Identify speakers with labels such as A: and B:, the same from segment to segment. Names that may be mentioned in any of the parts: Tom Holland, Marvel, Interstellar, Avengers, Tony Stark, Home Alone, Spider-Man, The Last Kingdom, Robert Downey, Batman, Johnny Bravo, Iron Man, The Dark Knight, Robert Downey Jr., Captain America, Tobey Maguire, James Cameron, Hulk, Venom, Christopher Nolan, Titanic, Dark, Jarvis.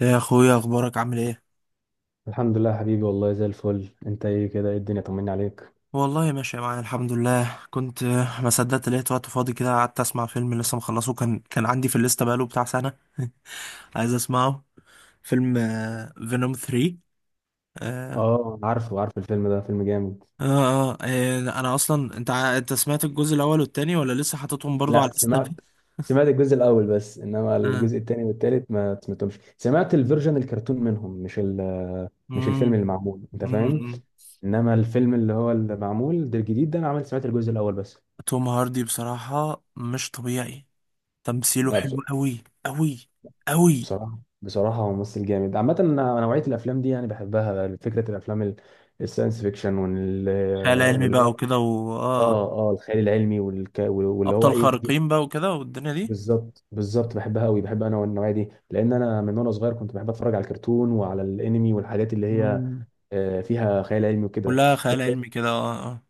A: يا اخويا، اخبارك عامل ايه؟
B: الحمد لله يا حبيبي، والله زي الفل. انت ايه كده؟ ايه الدنيا؟ طمني عليك.
A: والله ماشي معايا الحمد لله. كنت ما صدقت لقيت وقت فاضي كده، قعدت اسمع فيلم لسه مخلصه، كان عندي في الليسته بقاله بتاع سنه عايز اسمعه. فيلم فينوم 3. آه
B: اه، عارف الفيلم ده، فيلم جامد.
A: آه, آه, انا اصلا انت سمعت الجزء الاول والتاني ولا لسه حاططهم برضو على
B: لا،
A: الليسته؟
B: سمعت سمعت الجزء الاول بس، انما
A: آه.
B: الجزء الثاني والثالث ما سمعتهمش. سمعت الفيرجن الكرتون منهم، مش مش الفيلم
A: مم.
B: اللي معمول، انت
A: مم.
B: فاهم.
A: مم.
B: انما الفيلم اللي هو اللي معمول ده الجديد ده، انا عملت سمعت الجزء الاول بس.
A: توم هاردي بصراحه مش طبيعي، تمثيله
B: لا،
A: حلو قوي قوي قوي.
B: بصراحه هو ممثل جامد عامه. انا نوعيه الافلام دي يعني بحبها، فكره الافلام الساينس فيكشن
A: خيال علمي
B: واللي
A: بقى وكده
B: اه الخيال العلمي واللي هو
A: ابطال
B: ايه، تجيب.
A: خارقين بقى وكده والدنيا دي.
B: بالظبط، بالظبط بحبها قوي، بحب انا والنوعيه دي، لان انا من وانا صغير كنت بحب اتفرج على الكرتون وعلى الانمي والحاجات اللي هي
A: مم.
B: فيها خيال علمي وكده.
A: كلها خيال
B: انت
A: علمي كده، اه اه.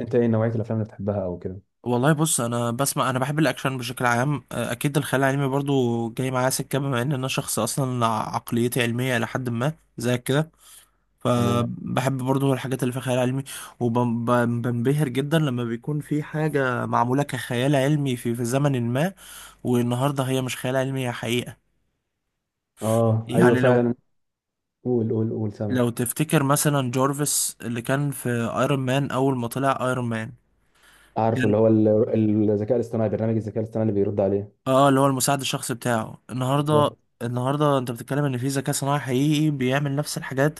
B: انت ايه نوعيه الافلام اللي بتحبها او كده؟
A: والله بص، انا بسمع، انا بحب الاكشن بشكل عام. اكيد الخيال العلمي برضو جاي معايا سكه، بما ان انا شخص اصلا عقليتي علميه الى حد ما زي كده،
B: تمام.
A: فبحب برضو الحاجات اللي فيها خيال علمي، وبنبهر جدا لما بيكون في حاجه معموله كخيال علمي في زمن ما، والنهارده هي مش خيال علمي، هي حقيقه.
B: اه ايوه،
A: يعني لو
B: فعلا. قول قول قول سما.
A: لو تفتكر مثلا جورفيس اللي كان في ايرون مان اول ما طلع ايرون مان،
B: عارفه،
A: كان
B: اللي هو الذكاء الاصطناعي، برنامج الذكاء الاصطناعي اللي بيرد عليه.
A: اه اللي هو المساعد الشخصي بتاعه. النهارده،
B: بالظبط.
A: النهارده انت بتتكلم ان في ذكاء صناعي حقيقي بيعمل نفس الحاجات،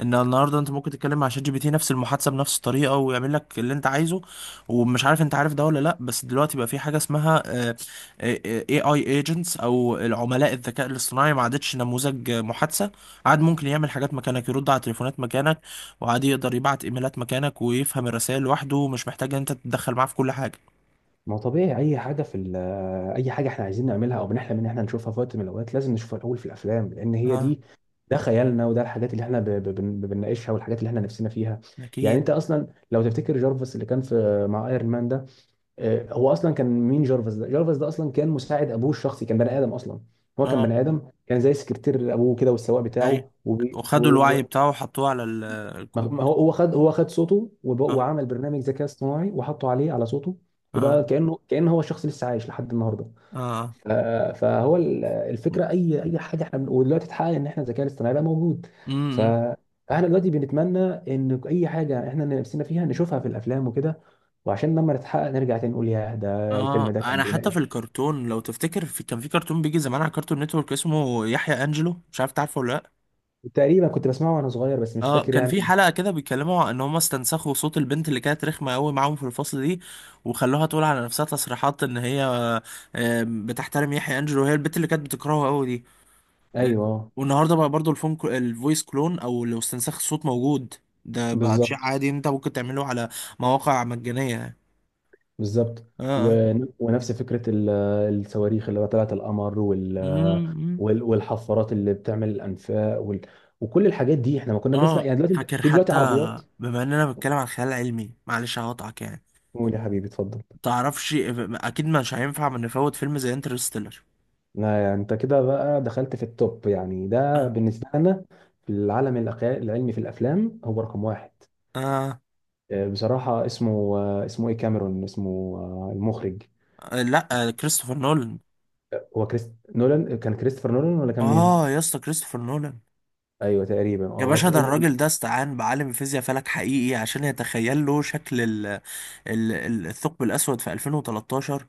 A: ان النهارده انت ممكن تتكلم مع شات جي بي تي نفس المحادثه بنفس الطريقه ويعمل لك اللي انت عايزه. ومش عارف انت عارف ده ولا لا، بس دلوقتي بقى في حاجه اسمها اي اي ايجنتس، او العملاء الذكاء الاصطناعي، ما عادتش نموذج محادثه، عاد ممكن يعمل حاجات مكانك، يرد على تليفونات مكانك، وعاد يقدر يبعت ايميلات مكانك، ويفهم الرسائل لوحده، ومش محتاج ان انت تتدخل معاه في كل حاجه.
B: ما هو طبيعي، اي حاجه في اي حاجه احنا عايزين نعملها او بنحلم ان احنا نشوفها في وقت من الاوقات، لازم نشوفها الاول في الافلام، لان هي
A: اه،
B: دي. ده خيالنا، وده الحاجات اللي احنا بنناقشها والحاجات اللي احنا نفسنا فيها. يعني
A: اكيد.
B: انت اصلا لو تفتكر جارفس اللي كان في مع ايرون مان ده، هو اصلا كان مين؟ جارفس ده، جارفس ده اصلا كان مساعد ابوه الشخصي، كان بني ادم اصلا. هو كان
A: اه،
B: بني ادم، كان زي سكرتير ابوه كده والسواق
A: اي،
B: بتاعه.
A: وخدوا الوعي بتاعه وحطوه على
B: ما ما هو
A: الكمبيوتر.
B: هو خد هو خد صوته،
A: اه.
B: وعمل برنامج ذكاء اصطناعي وحطه عليه على صوته،
A: اه.
B: وبقى كأنه هو الشخص لسه عايش لحد النهارده.
A: اه.
B: ف- فهو الفكره، اي حاجه احنا ودلوقتي اتحقق ان احنا الذكاء الاصطناعي بقى موجود. ف
A: امم.
B: فاحنا دلوقتي بنتمنى ان اي حاجه احنا نفسنا فيها نشوفها في الافلام وكده، وعشان لما نتحقق نرجع تاني نقول ياه، ده الفيلم
A: اه،
B: ده كان
A: انا حتى في
B: بيناقش.
A: الكرتون لو تفتكر كان في كرتون بيجي زمان على كرتون نتورك اسمه يحيى انجلو، مش عارف تعرفه ولا لا.
B: تقريبا كنت بسمعه وانا صغير بس مش
A: اه،
B: فاكر
A: كان في
B: يعني.
A: حلقة كده بيتكلموا عن ان هم استنسخوا صوت البنت اللي كانت رخمة قوي معاهم في الفصل دي، وخلوها تقول على نفسها تصريحات ان هي بتحترم يحيى انجلو، وهي البنت اللي كانت بتكرهه قوي دي. آه،
B: ايوه.
A: والنهارده بقى برضو الفويس كلون، او لو استنساخ الصوت، موجود. ده بقى شيء
B: بالظبط،
A: عادي، انت ممكن تعمله على مواقع مجانية يعني.
B: بالظبط.
A: اه. اه.
B: ونفس فكرة الصواريخ اللي طلعت القمر
A: أمم،
B: والحفارات اللي بتعمل الأنفاق وكل الحاجات دي احنا ما كنا بنسمع
A: اه
B: يعني. دلوقتي
A: فاكر
B: في
A: حتى،
B: عربيات.
A: بما اننا بنتكلم عن خيال علمي، معلش هقطعك يعني،
B: قول يا حبيبي، اتفضل.
A: تعرفش اكيد مش هينفع ما نفوت فيلم زي انترستيلر.
B: لا يعني انت كده بقى دخلت في التوب يعني، ده
A: آه.
B: بالنسبة لنا في العالم العلمي في الأفلام، هو رقم واحد.
A: آه.
B: بصراحة اسمه، اسمه ايه، كاميرون اسمه، المخرج.
A: لا، كريستوفر نولان.
B: هو كريست نولان كان كريستوفر نولان ولا كان مين؟
A: اه يا اسطى كريستوفر نولان.
B: ايوه تقريبا،
A: يا باشا،
B: بس
A: ده الراجل ده استعان بعالم فيزياء فلك حقيقي عشان يتخيل له شكل الثقب الأسود في 2013،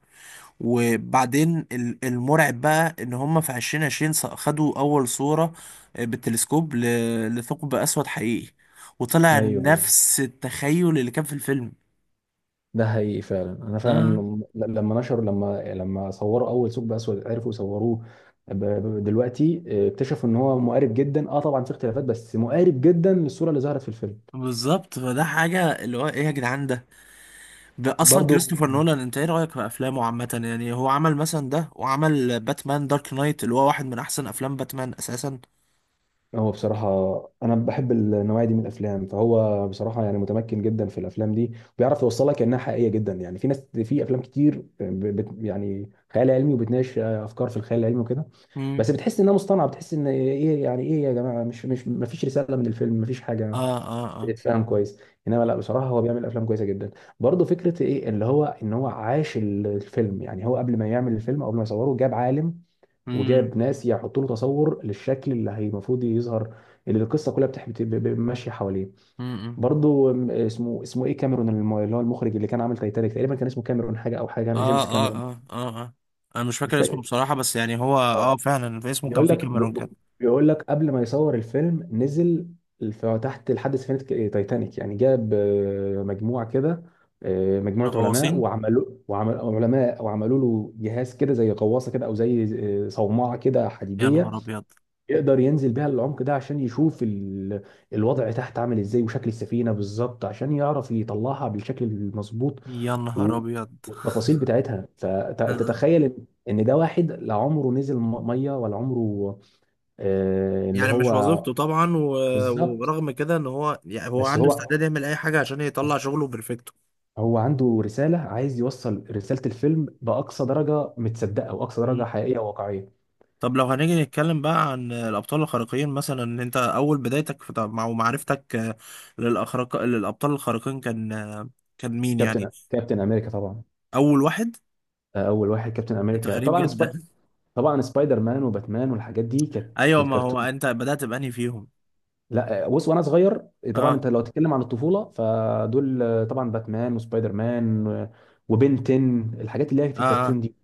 A: وبعدين المرعب بقى إن هم في 2020 خدوا أول صورة بالتلسكوب لثقب أسود حقيقي، وطلع
B: ايوه.
A: نفس التخيل اللي كان في الفيلم.
B: ده حقيقي فعلا. انا فعلا،
A: اه،
B: ل- لما نشروا لما لما صوروا اول ثقب اسود، عرفوا يصوروه. ب- دلوقتي اكتشفوا ان هو مقارب جدا. اه طبعا في اختلافات، بس مقارب جدا للصوره اللي ظهرت في الفيلم.
A: بالظبط، فده حاجة اللي هو ايه يا جدعان ده. ده اصلا
B: برضو.
A: كريستوفر نولان، انت ايه رأيك في افلامه عامة؟ يعني هو عمل مثلا ده، وعمل باتمان دارك نايت اللي هو واحد من احسن افلام باتمان اساسا.
B: هو بصراحة، أنا بحب النوعية دي من الأفلام، فهو بصراحة يعني متمكن جدا في الأفلام دي وبيعرف يوصلك إنها حقيقية جدا. يعني في ناس في أفلام كتير ب- بت يعني خيال علمي وبتناقش أفكار في الخيال العلمي وكده،
A: امم.
B: بس بتحس إنها مصطنعة، بتحس إن إيه يعني، إيه يا جماعة؟ مش مفيش رسالة من الفيلم، مفيش
A: اه.
B: حاجة
A: اه. اه.
B: بتتفهم كويس. إنما لا بصراحة هو بيعمل أفلام كويسة جدا. برضه فكرة إيه، اللي هو إن هو عاش الفيلم. يعني هو قبل ما يعمل الفيلم أو قبل ما يصوره، جاب عالم
A: امم.
B: وجاب ناس يحطوا له تصور للشكل اللي هي المفروض يظهر، اللي القصه كلها ماشيه حواليه.
A: م -م.
B: برضو اسمه ايه، كاميرون، اللي هو المخرج اللي كان عامل تايتانيك، تقريبا كان اسمه كاميرون حاجه، او حاجه،
A: اه
B: جيمس
A: اه
B: كاميرون.
A: اه اه اه، انا مش
B: مش
A: فاكر اسمه
B: فاكر.
A: بصراحة، بس يعني هو
B: اه.
A: اه فعلا في اسمه كان
B: بيقول
A: فيه
B: لك،
A: كاميرون كده.
B: بيقول لك قبل ما يصور الفيلم، نزل في تحت لحد سفينه تايتانيك يعني. جاب مجموعه كده، اه، مجموعه علماء
A: الغواصين.
B: وعمل علماء وعملوا له جهاز كده زي غواصه كده، او زي اه، صومعه كده
A: يا
B: حديديه،
A: نهار ابيض.
B: يقدر ينزل بيها العمق ده عشان يشوف الوضع تحت عامل ازاي، وشكل السفينة بالظبط عشان يعرف يطلعها بالشكل المظبوط
A: يا نهار
B: و...
A: ابيض.
B: والتفاصيل بتاعتها. فانت
A: آه.
B: تخيل ان، إن ده واحد لا عمره نزل مية ولا عمره، آه، اللي
A: يعني مش
B: هو.
A: وظيفته طبعا
B: بالظبط.
A: ورغم كده، ان هو يعني هو
B: بس
A: عنده
B: هو،
A: استعداد يعمل اي حاجة عشان يطلع شغله بيرفكتو.
B: هو عنده رسالة، عايز يوصل رسالة الفيلم بأقصى درجة متصدقة وأقصى
A: مم.
B: درجة حقيقية وواقعية.
A: طب لو هنيجي نتكلم بقى عن الابطال الخارقين، مثلا ان انت اول بدايتك في مع معرفتك، للابطال الخارقين كان كان مين يعني؟
B: كابتن أمريكا طبعا.
A: اول واحد.
B: أول واحد كابتن
A: انت
B: أمريكا
A: غريب
B: طبعا.
A: جدا.
B: طبعا سبايدر مان وباتمان والحاجات دي كانت في
A: ايوه، ما هو
B: الكرتون.
A: انت بدأت بأنهي فيهم؟
B: لا بص، وانا صغير طبعا.
A: اه.
B: انت لو تتكلم عن الطفوله فدول طبعا باتمان وسبايدر مان وبنتن، الحاجات اللي هي في
A: اه. اه.
B: الكرتون دي.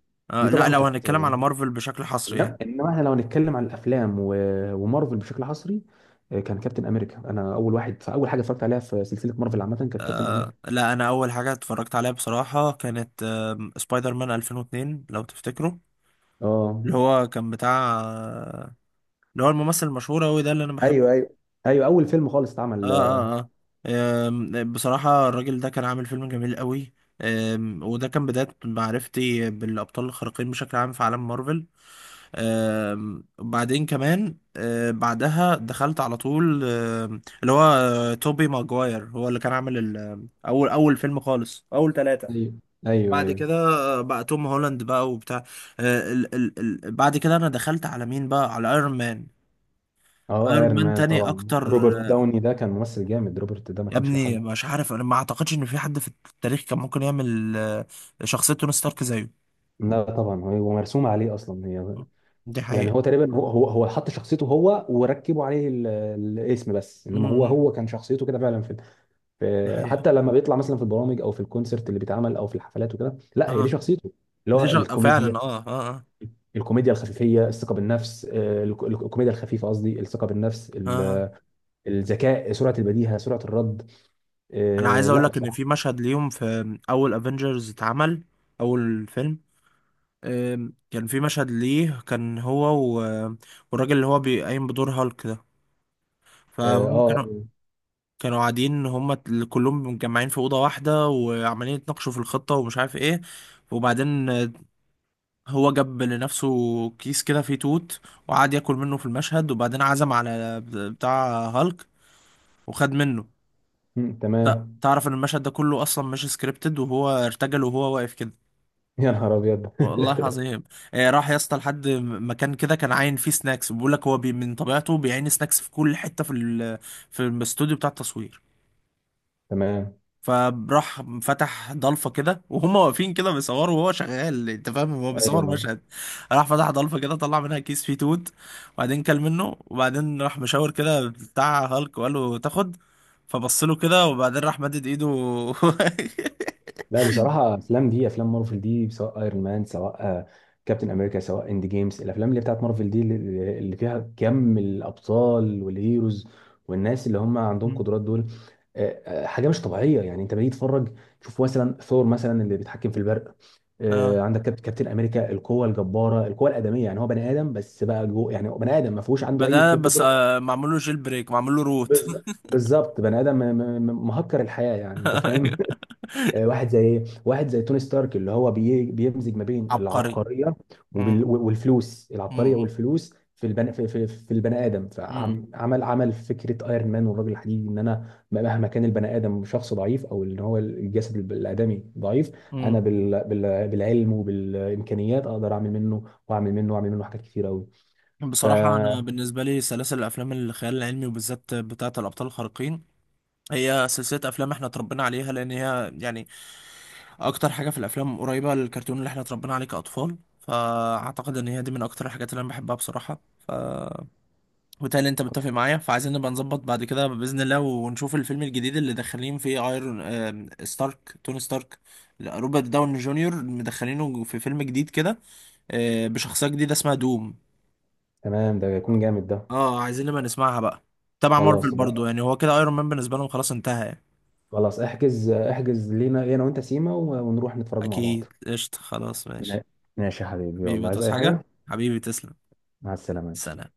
B: دي
A: لا
B: طبعا
A: لو
B: كانت.
A: هنتكلم على مارفل بشكل حصري يعني.
B: إنما احنا لو نتكلم عن الافلام ومارفل بشكل حصري، كان كابتن امريكا. انا اول واحد، فاول حاجه اتفرجت عليها في سلسله مارفل عامه كانت كابتن
A: آه
B: امريكا.
A: لا، انا اول حاجه اتفرجت عليها بصراحه كانت آه سبايدر مان 2002 لو تفتكروا،
B: اه
A: اللي هو كان بتاع آه، اللي هو الممثل المشهور قوي ده اللي انا بحبه.
B: ايوه، ايوه، ايوه. اول فيلم خالص
A: اه.
B: اتعمل.
A: اه. اه، بصراحه الراجل ده كان عامل فيلم جميل قوي. وده كان بدايه معرفتي بالابطال الخارقين بشكل عام في عالم مارفل. وبعدين كمان، بعدها دخلت على طول، اللي هو توبي ماجواير هو اللي كان عامل اول فيلم خالص، اول ثلاثة.
B: ايوه، ايوه،
A: بعد كده
B: ايوه.
A: بقى توم هولاند بقى وبتاع، آه، ال ال ال بعد كده انا دخلت على مين بقى؟ على ايرون مان.
B: اه،
A: ايرون
B: ايرون
A: مان
B: مان
A: تاني
B: طبعا.
A: اكتر.
B: روبرت داوني ده كان ممثل جامد، روبرت ده ما
A: يا
B: كانش له حل.
A: ابني مش عارف، انا ما اعتقدش ان في حد في التاريخ كان ممكن يعمل شخصية توني ستارك زيه.
B: لا طبعا، هو مرسوم عليه اصلا هي.
A: دي
B: يعني
A: حقيقة.
B: هو تقريبا، هو حط شخصيته هو وركبوا عليه الاسم بس،
A: م-
B: انما هو
A: م.
B: هو كان شخصيته كده فعلا في
A: دي حقيقة.
B: حتى لما بيطلع مثلا في البرامج او في الكونسرت اللي بيتعمل او في الحفلات وكده، لا هي دي
A: اه،
B: شخصيته. اللي هو
A: دي شغ...
B: الكوميديا.
A: فعلا اه اه.
B: الكوميديا الخفيفيه، الثقه بالنفس، الكوميديا الخفيفه قصدي، الثقه بالنفس،
A: اه, آه.
B: الذكاء، سرعه البديهه، سرعه الرد.
A: انا عايز اقول
B: لا
A: لك ان
B: بصراحه.
A: في مشهد ليهم في اول افنجرز اتعمل، اول فيلم. كان في مشهد ليه كان هو و- والراجل اللي هو بيقيم بدور هالك ده،
B: اه.
A: فهم
B: آه،
A: كانوا، كانوا قاعدين هم كلهم متجمعين في اوضه واحده وعمالين يتناقشوا في الخطه ومش عارف ايه، وبعدين هو جاب لنفسه كيس كده فيه توت، وقعد ياكل منه في المشهد، وبعدين عزم على بتاع هالك وخد منه.
B: تمام.
A: تعرف ان المشهد ده كله اصلا مش سكريبتد، وهو ارتجل وهو واقف كده.
B: يا نهار ابيض.
A: والله العظيم. راح يا اسطى لحد مكان كده كان عاين فيه سناكس، بيقول لك هو بي من طبيعته بيعين سناكس في كل حته في في الاستوديو بتاع التصوير.
B: تمام.
A: فراح فتح ضلفه كده، وهم واقفين كده بيصوروا وهو شغال، انت فاهم، هو بيصور
B: ايوه.
A: مشهد. راح فتح ضلفه كده، طلع منها كيس فيه توت، وبعدين كل منه، وبعدين راح مشاور كده بتاع هالك وقال له تاخد، فبص له كده، وبعدين راح مدد ايده.
B: لا بصراحه، افلام دي، افلام مارفل دي، سواء ايرون مان، سواء كابتن امريكا، سواء اند جيمز، الافلام اللي بتاعت مارفل دي اللي اللي فيها كم الابطال والهيروز والناس اللي هم عندهم
A: مم.
B: قدرات دول، حاجه مش طبيعيه يعني. انت بتيجي تتفرج، تشوف مثلا ثور مثلا اللي بيتحكم في البرق،
A: اه
B: عندك كابتن امريكا، القوه الجباره، القوه الادميه، يعني هو بني ادم بس بقى، جوه يعني هو بني ادم ما فيهوش عنده اي
A: بدأ بس،
B: قدره.
A: معمول له جيل بريك، معمول له روت.
B: بالظ- بالظبط، بني ادم مهكر الحياه، يعني انت فاهم. واحد زي ايه، واحد زي توني ستارك اللي هو بيمزج ما بين
A: عبقري.
B: العبقريه
A: مم.
B: والفلوس، العبقريه
A: مم.
B: والفلوس في البني ادم،
A: مم.
B: فعمل، عمل فكره ايرون مان والرجل الحديدي، ان انا مهما كان البني ادم شخص ضعيف، او ان هو الجسد الادمي ضعيف، انا
A: مم.
B: بال بالعلم وبالامكانيات اقدر اعمل منه واعمل منه واعمل منه حاجات كتير قوي.
A: بصراحة أنا
B: فتمام.
A: بالنسبة لي سلاسل الأفلام الخيال العلمي وبالذات بتاعة الأبطال الخارقين، هي سلسلة أفلام إحنا اتربينا عليها، لأن هي يعني أكتر حاجة في الأفلام قريبة للكرتون اللي إحنا اتربينا عليه كأطفال، فأعتقد إن هي دي من أكتر الحاجات اللي أنا بحبها بصراحة. ف وبالتالي أنت متفق معايا، فعايزين نبقى نظبط بعد كده بإذن الله ونشوف الفيلم الجديد اللي داخلين فيه، ايرون آم، ستارك توني ستارك. لا، روبرت داون جونيور مدخلينه في فيلم جديد كده، بشخصية جديدة اسمها دوم.
B: ده يكون جامد ده.
A: اه عايزين نبقى نسمعها بقى. تبع مارفل
B: خلاص،
A: برضو، يعني هو كده ايرون مان بالنسبة لهم خلاص انتهى يعني.
B: خلاص. احجز لينا انا وانت سيما ونروح نتفرج مع بعض.
A: اكيد قشطة، خلاص ماشي.
B: ماشي يا حبيبي،
A: حبيبي
B: والله عايز
A: هتعوز
B: اي حاجة.
A: حاجة؟ حبيبي تسلم.
B: مع السلامة.
A: سلام.